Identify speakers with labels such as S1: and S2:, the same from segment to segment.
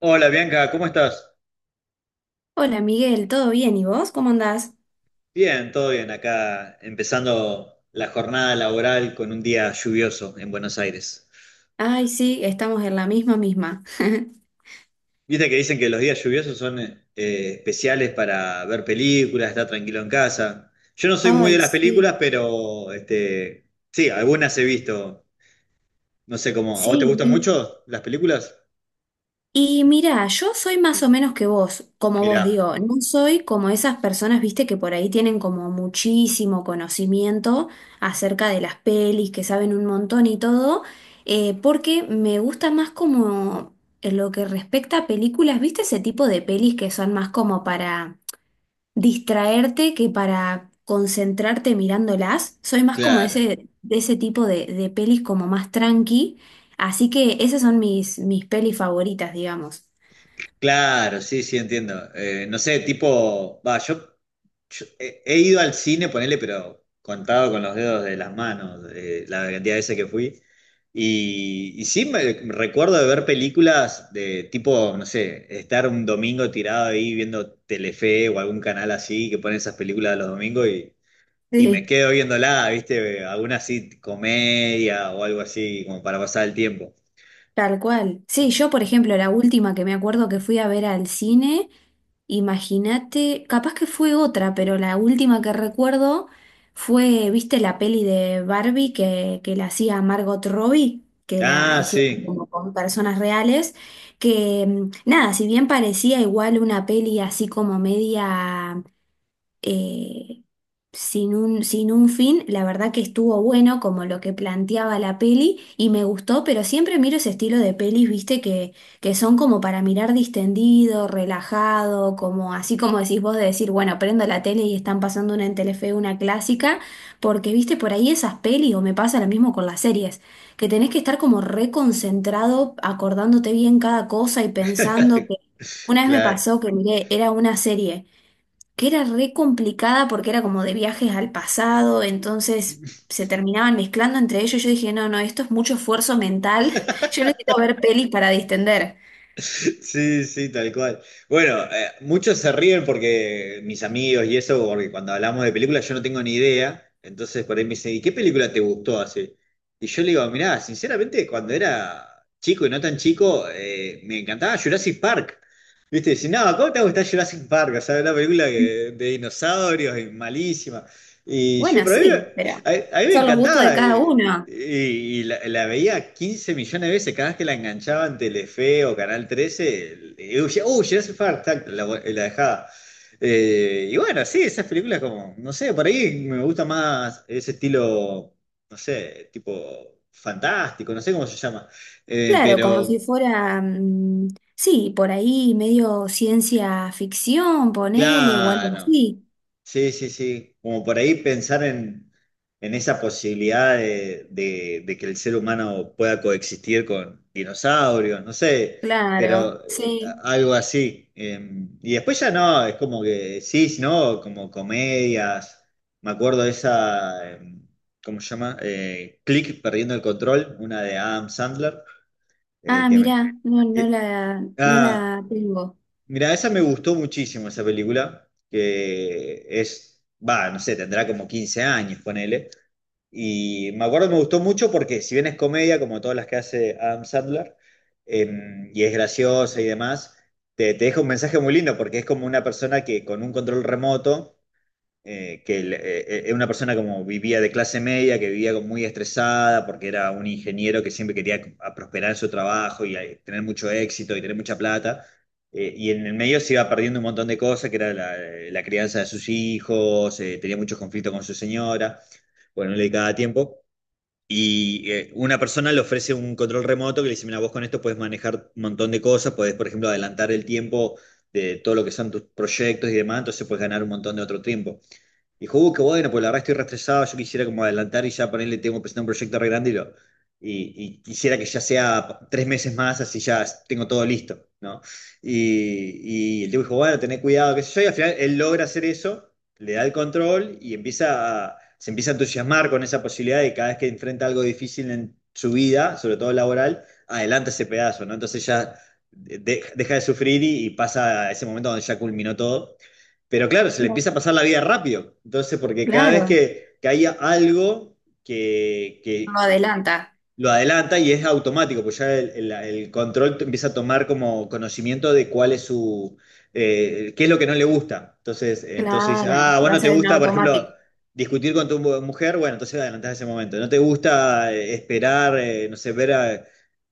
S1: Hola Bianca, ¿cómo estás?
S2: Hola Miguel, ¿todo bien? ¿Y vos? ¿Cómo andás?
S1: Bien, todo bien. Acá empezando la jornada laboral con un día lluvioso en Buenos Aires.
S2: Ay, sí, estamos en la misma misma.
S1: Viste que dicen que los días lluviosos son especiales para ver películas, estar tranquilo en casa. Yo no soy muy de
S2: Ay,
S1: las
S2: sí.
S1: películas, pero este, sí, algunas he visto. No sé cómo. ¿A vos te
S2: Sí.
S1: gustan
S2: Y,
S1: mucho las películas?
S2: y mira, yo soy más o menos que vos, como vos
S1: Mirá,
S2: digo, no soy como esas personas, viste, que por ahí tienen como muchísimo conocimiento acerca de las pelis, que saben un montón y todo, porque me gusta más como en lo que respecta a películas, viste, ese tipo de pelis que son más como para distraerte que para concentrarte mirándolas. Soy más como de
S1: claro.
S2: ese, de ese tipo de pelis como más tranqui. Así que esas son mis pelis favoritas, digamos.
S1: Claro, sí, sí, entiendo. No sé, tipo, va, yo he ido al cine, ponele, pero contado con los dedos de las manos, la cantidad de veces que fui. Y sí, me recuerdo de ver películas de tipo, no sé, estar un domingo tirado ahí viendo Telefe o algún canal así que pone esas películas de los domingos y me
S2: Sí,
S1: quedo viéndola, ¿viste? Alguna así, comedia o algo así, como para pasar el tiempo.
S2: tal cual. Sí, yo por ejemplo, la última que me acuerdo que fui a ver al cine. Imagínate, capaz que fue otra, pero la última que recuerdo fue, ¿viste la peli de Barbie que la hacía Margot Robbie? Que la
S1: Ah,
S2: hicieron
S1: sí,
S2: como con personas reales, que nada, si bien parecía igual una peli así como media eh, sin un fin, la verdad que estuvo bueno como lo que planteaba la peli y me gustó, pero siempre miro ese estilo de pelis, viste, que son como para mirar distendido, relajado, como así como decís vos de decir, bueno, prendo la tele y están pasando una en Telefe, una clásica, porque viste por ahí esas pelis, o me pasa lo mismo con las series, que tenés que estar como reconcentrado, acordándote bien cada cosa y pensando que... Una vez me
S1: claro.
S2: pasó que miré, era una serie que era re complicada porque era como de viajes al pasado, entonces se terminaban mezclando entre ellos. Yo dije, no, no, esto es mucho esfuerzo mental, yo necesito ver pelis para distender.
S1: Sí, sí, tal cual. Bueno, muchos se ríen porque mis amigos y eso, porque cuando hablamos de películas yo no tengo ni idea. Entonces por ahí me dicen, ¿y qué película te gustó así? Y yo le digo, mirá, sinceramente, cuando era chico y no tan chico, me encantaba Jurassic Park. ¿Viste? Dicen, no, ¿cómo te va a gustar Jurassic Park? O sea, una película de dinosaurios y malísima. Y yo,
S2: Bueno,
S1: pero a mí,
S2: sí, pero
S1: a mí me
S2: son los gustos de
S1: encantaba.
S2: cada
S1: eh,
S2: uno.
S1: y, y la veía 15 millones de veces, cada vez que la enganchaba en Telefe o Canal Trece y yo decía, uy, ya hace falta, la dejaba. Y bueno, sí, esas películas como, no sé, por ahí me gusta más ese estilo, no sé, tipo fantástico, no sé cómo se llama. Eh,
S2: Claro, como si
S1: pero,
S2: fuera, mm, sí, por ahí medio ciencia ficción, ponele, o algo
S1: claro.
S2: así.
S1: Sí, sí, sí. Como por ahí pensar en esa posibilidad de que el ser humano pueda coexistir con dinosaurios, no sé,
S2: Claro,
S1: pero
S2: sí.
S1: algo así. Y después ya no, es como que sí, ¿no? Como comedias. Me acuerdo de esa, ¿cómo se llama? Click, perdiendo el control, una de Adam Sandler. eh,
S2: Ah,
S1: que me-
S2: mirá, no, no
S1: eh,
S2: la, no
S1: ah,
S2: la tengo.
S1: Mira, esa me gustó muchísimo, esa película, que es, va, no sé, tendrá como 15 años, ponele. Y me acuerdo, me gustó mucho porque si bien es comedia, como todas las que hace Adam Sandler, y es graciosa y demás, te deja un mensaje muy lindo porque es como una persona que con un control remoto, una persona como vivía de clase media, que vivía como muy estresada porque era un ingeniero que siempre quería prosperar en su trabajo y tener mucho éxito y tener mucha plata. Y en el medio se iba perdiendo un montón de cosas, que era la crianza de sus hijos, tenía muchos conflictos con su señora, bueno, no le dedicaba tiempo. Y una persona le ofrece un control remoto que le dice, mira, vos con esto puedes manejar un montón de cosas, podés, por ejemplo, adelantar el tiempo de todo lo que son tus proyectos y demás, entonces puedes ganar un montón de otro tiempo. Dijo, qué bueno, pues la verdad estoy re estresado, yo quisiera como adelantar y ya ponerle, tengo que presentar un proyecto re grande y, y- y quisiera que ya sea 3 meses más, así ya tengo todo listo, ¿no? Y el tipo dijo, bueno, tené cuidado, qué sé yo, y al final él logra hacer eso, le da el control y empieza se empieza a entusiasmar con esa posibilidad de cada vez que enfrenta algo difícil en su vida, sobre todo laboral, adelanta ese pedazo, ¿no? Entonces ya deja de sufrir y pasa a ese momento donde ya culminó todo, pero claro, se le empieza a pasar la vida rápido. Entonces, porque cada vez
S2: Claro,
S1: que hay algo que,
S2: no
S1: que-
S2: adelanta.
S1: lo adelanta y es automático, pues ya el control empieza a tomar como conocimiento de cuál es su, qué es lo que no le gusta. Entonces, dice,
S2: Claro,
S1: ah,
S2: lo
S1: bueno, te
S2: haces en
S1: gusta, por ejemplo,
S2: automático.
S1: discutir con tu mujer, bueno, entonces adelantás ese momento. No te gusta esperar, no sé, ver a,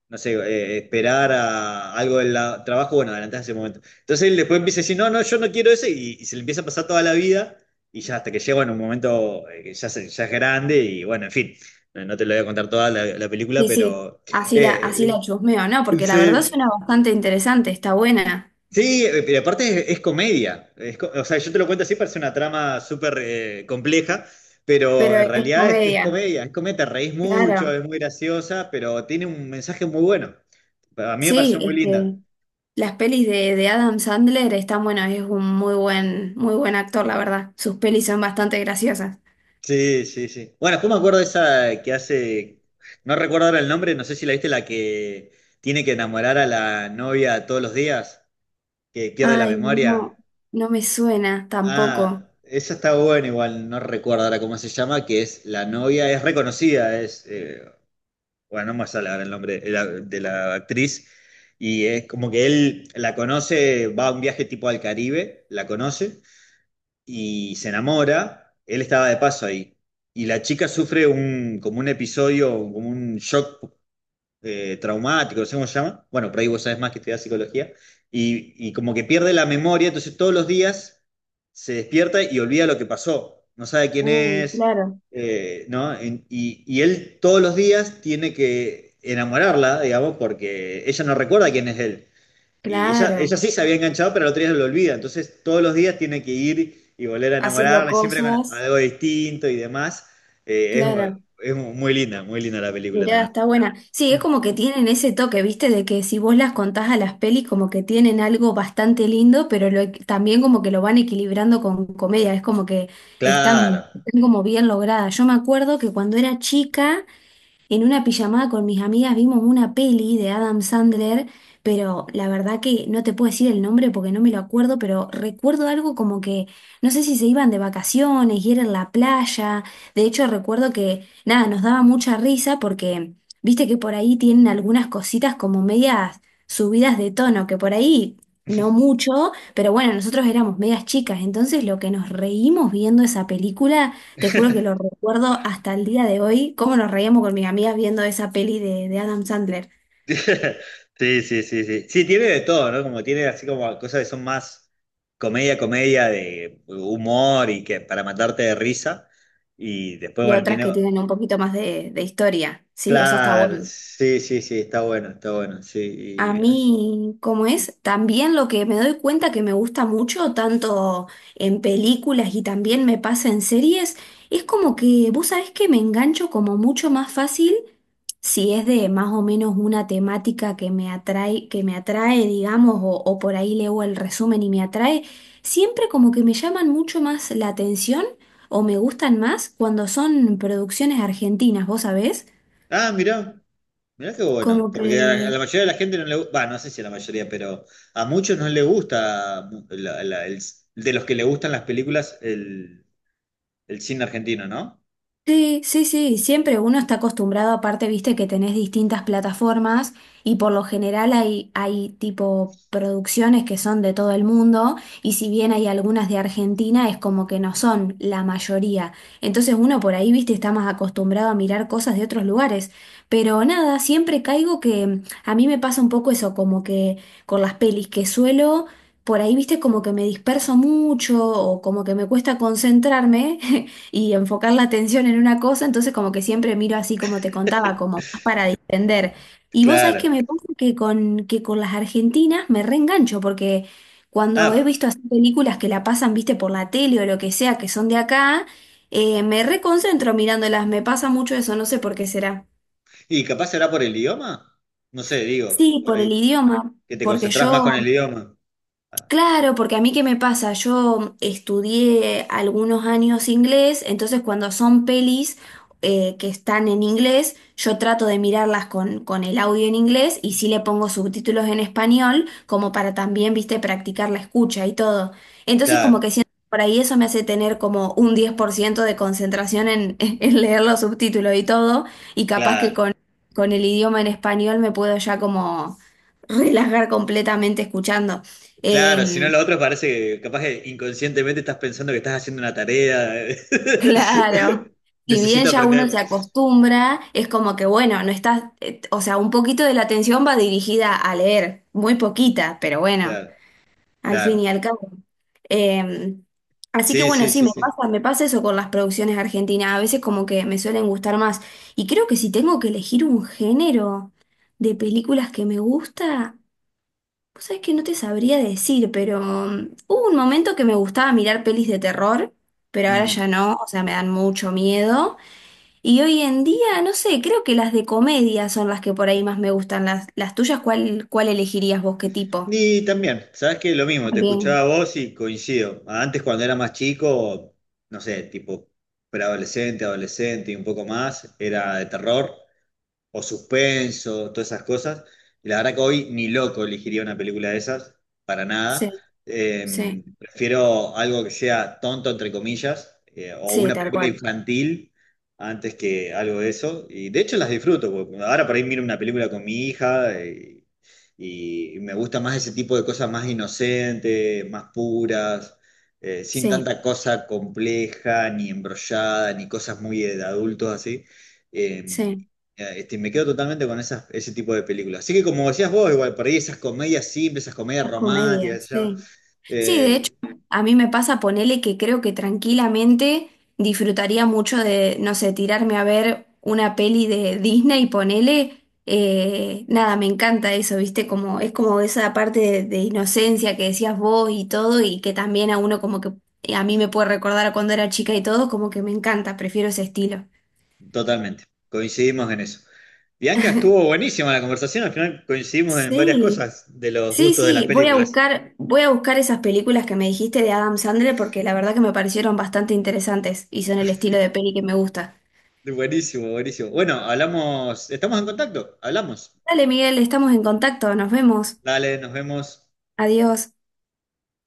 S1: no sé, esperar a algo del trabajo, bueno, adelantás ese momento. Entonces él después empieza a decir, no, no, yo no quiero eso y se le empieza a pasar toda la vida. Y ya hasta que llega en un momento que ya, ya es grande y bueno, en fin. No, no te lo voy a contar toda la película,
S2: Sí, sí,
S1: pero.
S2: así la, así
S1: eh,
S2: la chusmeo, ¿no? Porque la verdad
S1: sí.
S2: suena bastante interesante, está buena,
S1: Sí, pero aparte es comedia. Es o sea, yo te lo cuento así, parece una trama súper compleja, pero
S2: pero
S1: en
S2: es
S1: realidad es
S2: comedia,
S1: comedia. Es comedia, te reís mucho,
S2: claro.
S1: es muy graciosa, pero tiene un mensaje muy bueno. A mí me
S2: Sí,
S1: pareció muy
S2: es
S1: linda.
S2: que las pelis de Adam Sandler están buenas, es un muy buen actor, la verdad. Sus pelis son bastante graciosas.
S1: Sí, sí, sí. Bueno, después me acuerdo de esa que hace. No recuerdo ahora el nombre, no sé si la viste, la que tiene que enamorar a la novia todos los días, que pierde la
S2: Ay, no,
S1: memoria.
S2: no me suena
S1: Ah,
S2: tampoco.
S1: esa está buena, igual no recuerdo ahora cómo se llama, que es la novia, es reconocida, bueno, no me sale ahora el nombre de la actriz, y es como que él la conoce, va a un viaje tipo al Caribe, la conoce, y se enamora, él estaba de paso ahí, y la chica sufre como un episodio, como un shock traumático, no sé cómo se llama. Bueno, por ahí vos sabés más que estudiás psicología. Y como que pierde la memoria, entonces todos los días se despierta y olvida lo que pasó. No sabe quién
S2: Uy,
S1: es,
S2: claro.
S1: ¿no? Y él todos los días tiene que enamorarla, digamos, porque ella no recuerda quién es él. Y ella
S2: Claro,
S1: sí se había enganchado, pero el otro día lo olvida. Entonces todos los días tiene que ir y volver a
S2: haciendo
S1: enamorarla, siempre con
S2: cosas,
S1: algo distinto y demás. Eh, es,
S2: claro.
S1: es muy linda la película
S2: Mirá,
S1: también.
S2: está buena. Sí, es como que tienen ese toque, ¿viste? De que si vos las contás a las pelis, como que tienen algo bastante lindo, pero lo- también como que lo van equilibrando con comedia. Es como que están,
S1: Claro.
S2: están como bien logradas. Yo me acuerdo que cuando era chica. En una pijamada con mis amigas vimos una peli de Adam Sandler, pero la verdad que no te puedo decir el nombre porque no me lo acuerdo, pero recuerdo algo como que no sé si se iban de vacaciones y era en la playa. De hecho, recuerdo que nada, nos daba mucha risa porque viste que por ahí tienen algunas cositas como medias subidas de tono, que por ahí no mucho, pero bueno, nosotros éramos medias chicas, entonces lo que nos reímos viendo esa película. Te juro que lo recuerdo hasta el día de hoy, cómo nos reíamos con mis amigas viendo esa peli de Adam Sandler
S1: Sí, sí, sí, sí. Sí, tiene de todo, ¿no? Como tiene así como cosas que son más comedia, comedia de humor y que para matarte de risa. Y después,
S2: y
S1: bueno,
S2: otras
S1: tiene.
S2: que tienen un poquito más de historia. Sí, eso está
S1: Claro,
S2: bueno.
S1: sí, sí, sí, está bueno, está bueno. Sí.
S2: A
S1: y
S2: mí, cómo es, también lo que me doy cuenta que me gusta mucho, tanto en películas y también me pasa en series, es como que vos sabés que me engancho como mucho más fácil si es de más o menos una temática que me atrae, digamos, o, por ahí leo el resumen y me atrae, siempre como que me llaman mucho más la atención o me gustan más cuando son producciones argentinas, vos sabés,
S1: Ah, mirá, mirá qué bueno.
S2: como
S1: Porque a la
S2: que...
S1: mayoría de la gente no le gusta. No sé si a la mayoría, pero a muchos no le gusta de los que le gustan las películas el cine argentino, ¿no?
S2: Sí, sí, sí, siempre uno está acostumbrado, aparte, viste que tenés distintas plataformas y por lo general hay, tipo producciones que son de todo el mundo y si bien hay algunas de Argentina es como que no son la mayoría. Entonces uno por ahí, viste, está más acostumbrado a mirar cosas de otros lugares. Pero nada, siempre caigo que a mí me pasa un poco eso, como que con las pelis que suelo... Por ahí, viste, como que me disperso mucho o como que me cuesta concentrarme y enfocar la atención en una cosa, entonces como que siempre miro así como te contaba, como más para distender. Y vos sabés
S1: Claro.
S2: que me pasa que con, las argentinas me reengancho, porque cuando he
S1: Ah.
S2: visto así películas que la pasan, viste, por la tele o lo que sea, que son de acá, me reconcentro mirándolas, me pasa mucho eso, no sé por qué será.
S1: Y capaz será por el idioma. No sé, digo,
S2: Sí,
S1: por
S2: por el
S1: ahí,
S2: idioma,
S1: que te
S2: porque
S1: concentrás más
S2: yo
S1: con el idioma. Ah,
S2: Claro, porque a mí qué me pasa, yo estudié algunos años inglés, entonces cuando son pelis que están en inglés, yo trato de mirarlas con, el audio en inglés y sí le pongo subtítulos en español, como para también, viste, practicar la escucha y todo. Entonces como
S1: claro,
S2: que siento que por ahí eso me hace tener como un 10% de concentración en, en leer los subtítulos y todo, y capaz que
S1: claro,
S2: con, el idioma en español me puedo ya como relajar completamente escuchando.
S1: claro. Si no,
S2: Em,
S1: lo otro parece que capaz que inconscientemente estás pensando que estás haciendo una tarea.
S2: Claro. Si bien
S1: Necesito
S2: ya uno se
S1: aprender.
S2: acostumbra, es como que bueno, no estás, o sea, un poquito de la atención va dirigida a leer, muy poquita, pero bueno,
S1: Claro,
S2: al fin y
S1: claro.
S2: al cabo. Eh, Así que
S1: Sí,
S2: bueno,
S1: sí,
S2: sí,
S1: sí,
S2: me
S1: sí.
S2: pasa, me pasa eso con las producciones argentinas, a veces como que me suelen gustar más. Y creo que si tengo que elegir un género de películas que me gusta, vos sabés que no te sabría decir, pero hubo un momento que me gustaba mirar pelis de terror, pero ahora
S1: Mm.
S2: ya no, o sea, me dan mucho miedo. Y hoy en día, no sé, creo que las de comedia son las que por ahí más me gustan. Las tuyas, ¿cuál elegirías vos? ¿Qué tipo?
S1: Y también, ¿sabes qué? Lo mismo, te escuchaba
S2: También.
S1: a vos y coincido. Antes, cuando era más chico, no sé, tipo preadolescente, adolescente y un poco más, era de terror, o suspenso, todas esas cosas. Y la verdad que hoy ni loco elegiría una película de esas, para nada.
S2: Sí, sí,
S1: Prefiero algo que sea tonto, entre comillas, o
S2: sí,
S1: una
S2: tal
S1: película
S2: cual.
S1: infantil antes que algo de eso. Y de hecho las disfruto, porque ahora por ahí miro una película con mi hija. Y me gusta más ese tipo de cosas más inocentes, más puras, sin
S2: Sí,
S1: tanta cosa compleja, ni embrollada, ni cosas muy de adultos así. Eh,
S2: sí.
S1: me quedo totalmente con esas, ese tipo de películas. Así que como decías vos, igual, por ahí esas comedias simples, esas comedias
S2: Las
S1: románticas, qué
S2: comedias,
S1: sé yo,
S2: sí. Sí, de
S1: eh,
S2: hecho, a mí me pasa ponele que creo que tranquilamente disfrutaría mucho de, no sé, tirarme a ver una peli de Disney, ponele, nada, me encanta eso, ¿viste? Como, es como esa parte de inocencia que decías vos y todo, y que también a uno como que, a mí me puede recordar a cuando era chica y todo, como que me encanta, prefiero ese estilo.
S1: totalmente, coincidimos en eso. Bianca, estuvo buenísima la conversación, al final coincidimos en varias
S2: Sí.
S1: cosas de los
S2: Sí,
S1: gustos de las
S2: sí, voy a
S1: películas.
S2: buscar, voy a buscar esas películas que me dijiste de Adam Sandler porque la verdad que me parecieron bastante interesantes y son el estilo de peli que me gusta.
S1: Buenísimo, buenísimo. Bueno, hablamos, estamos en contacto, hablamos.
S2: Dale, Miguel, estamos en contacto, nos vemos.
S1: Dale, nos vemos.
S2: Adiós.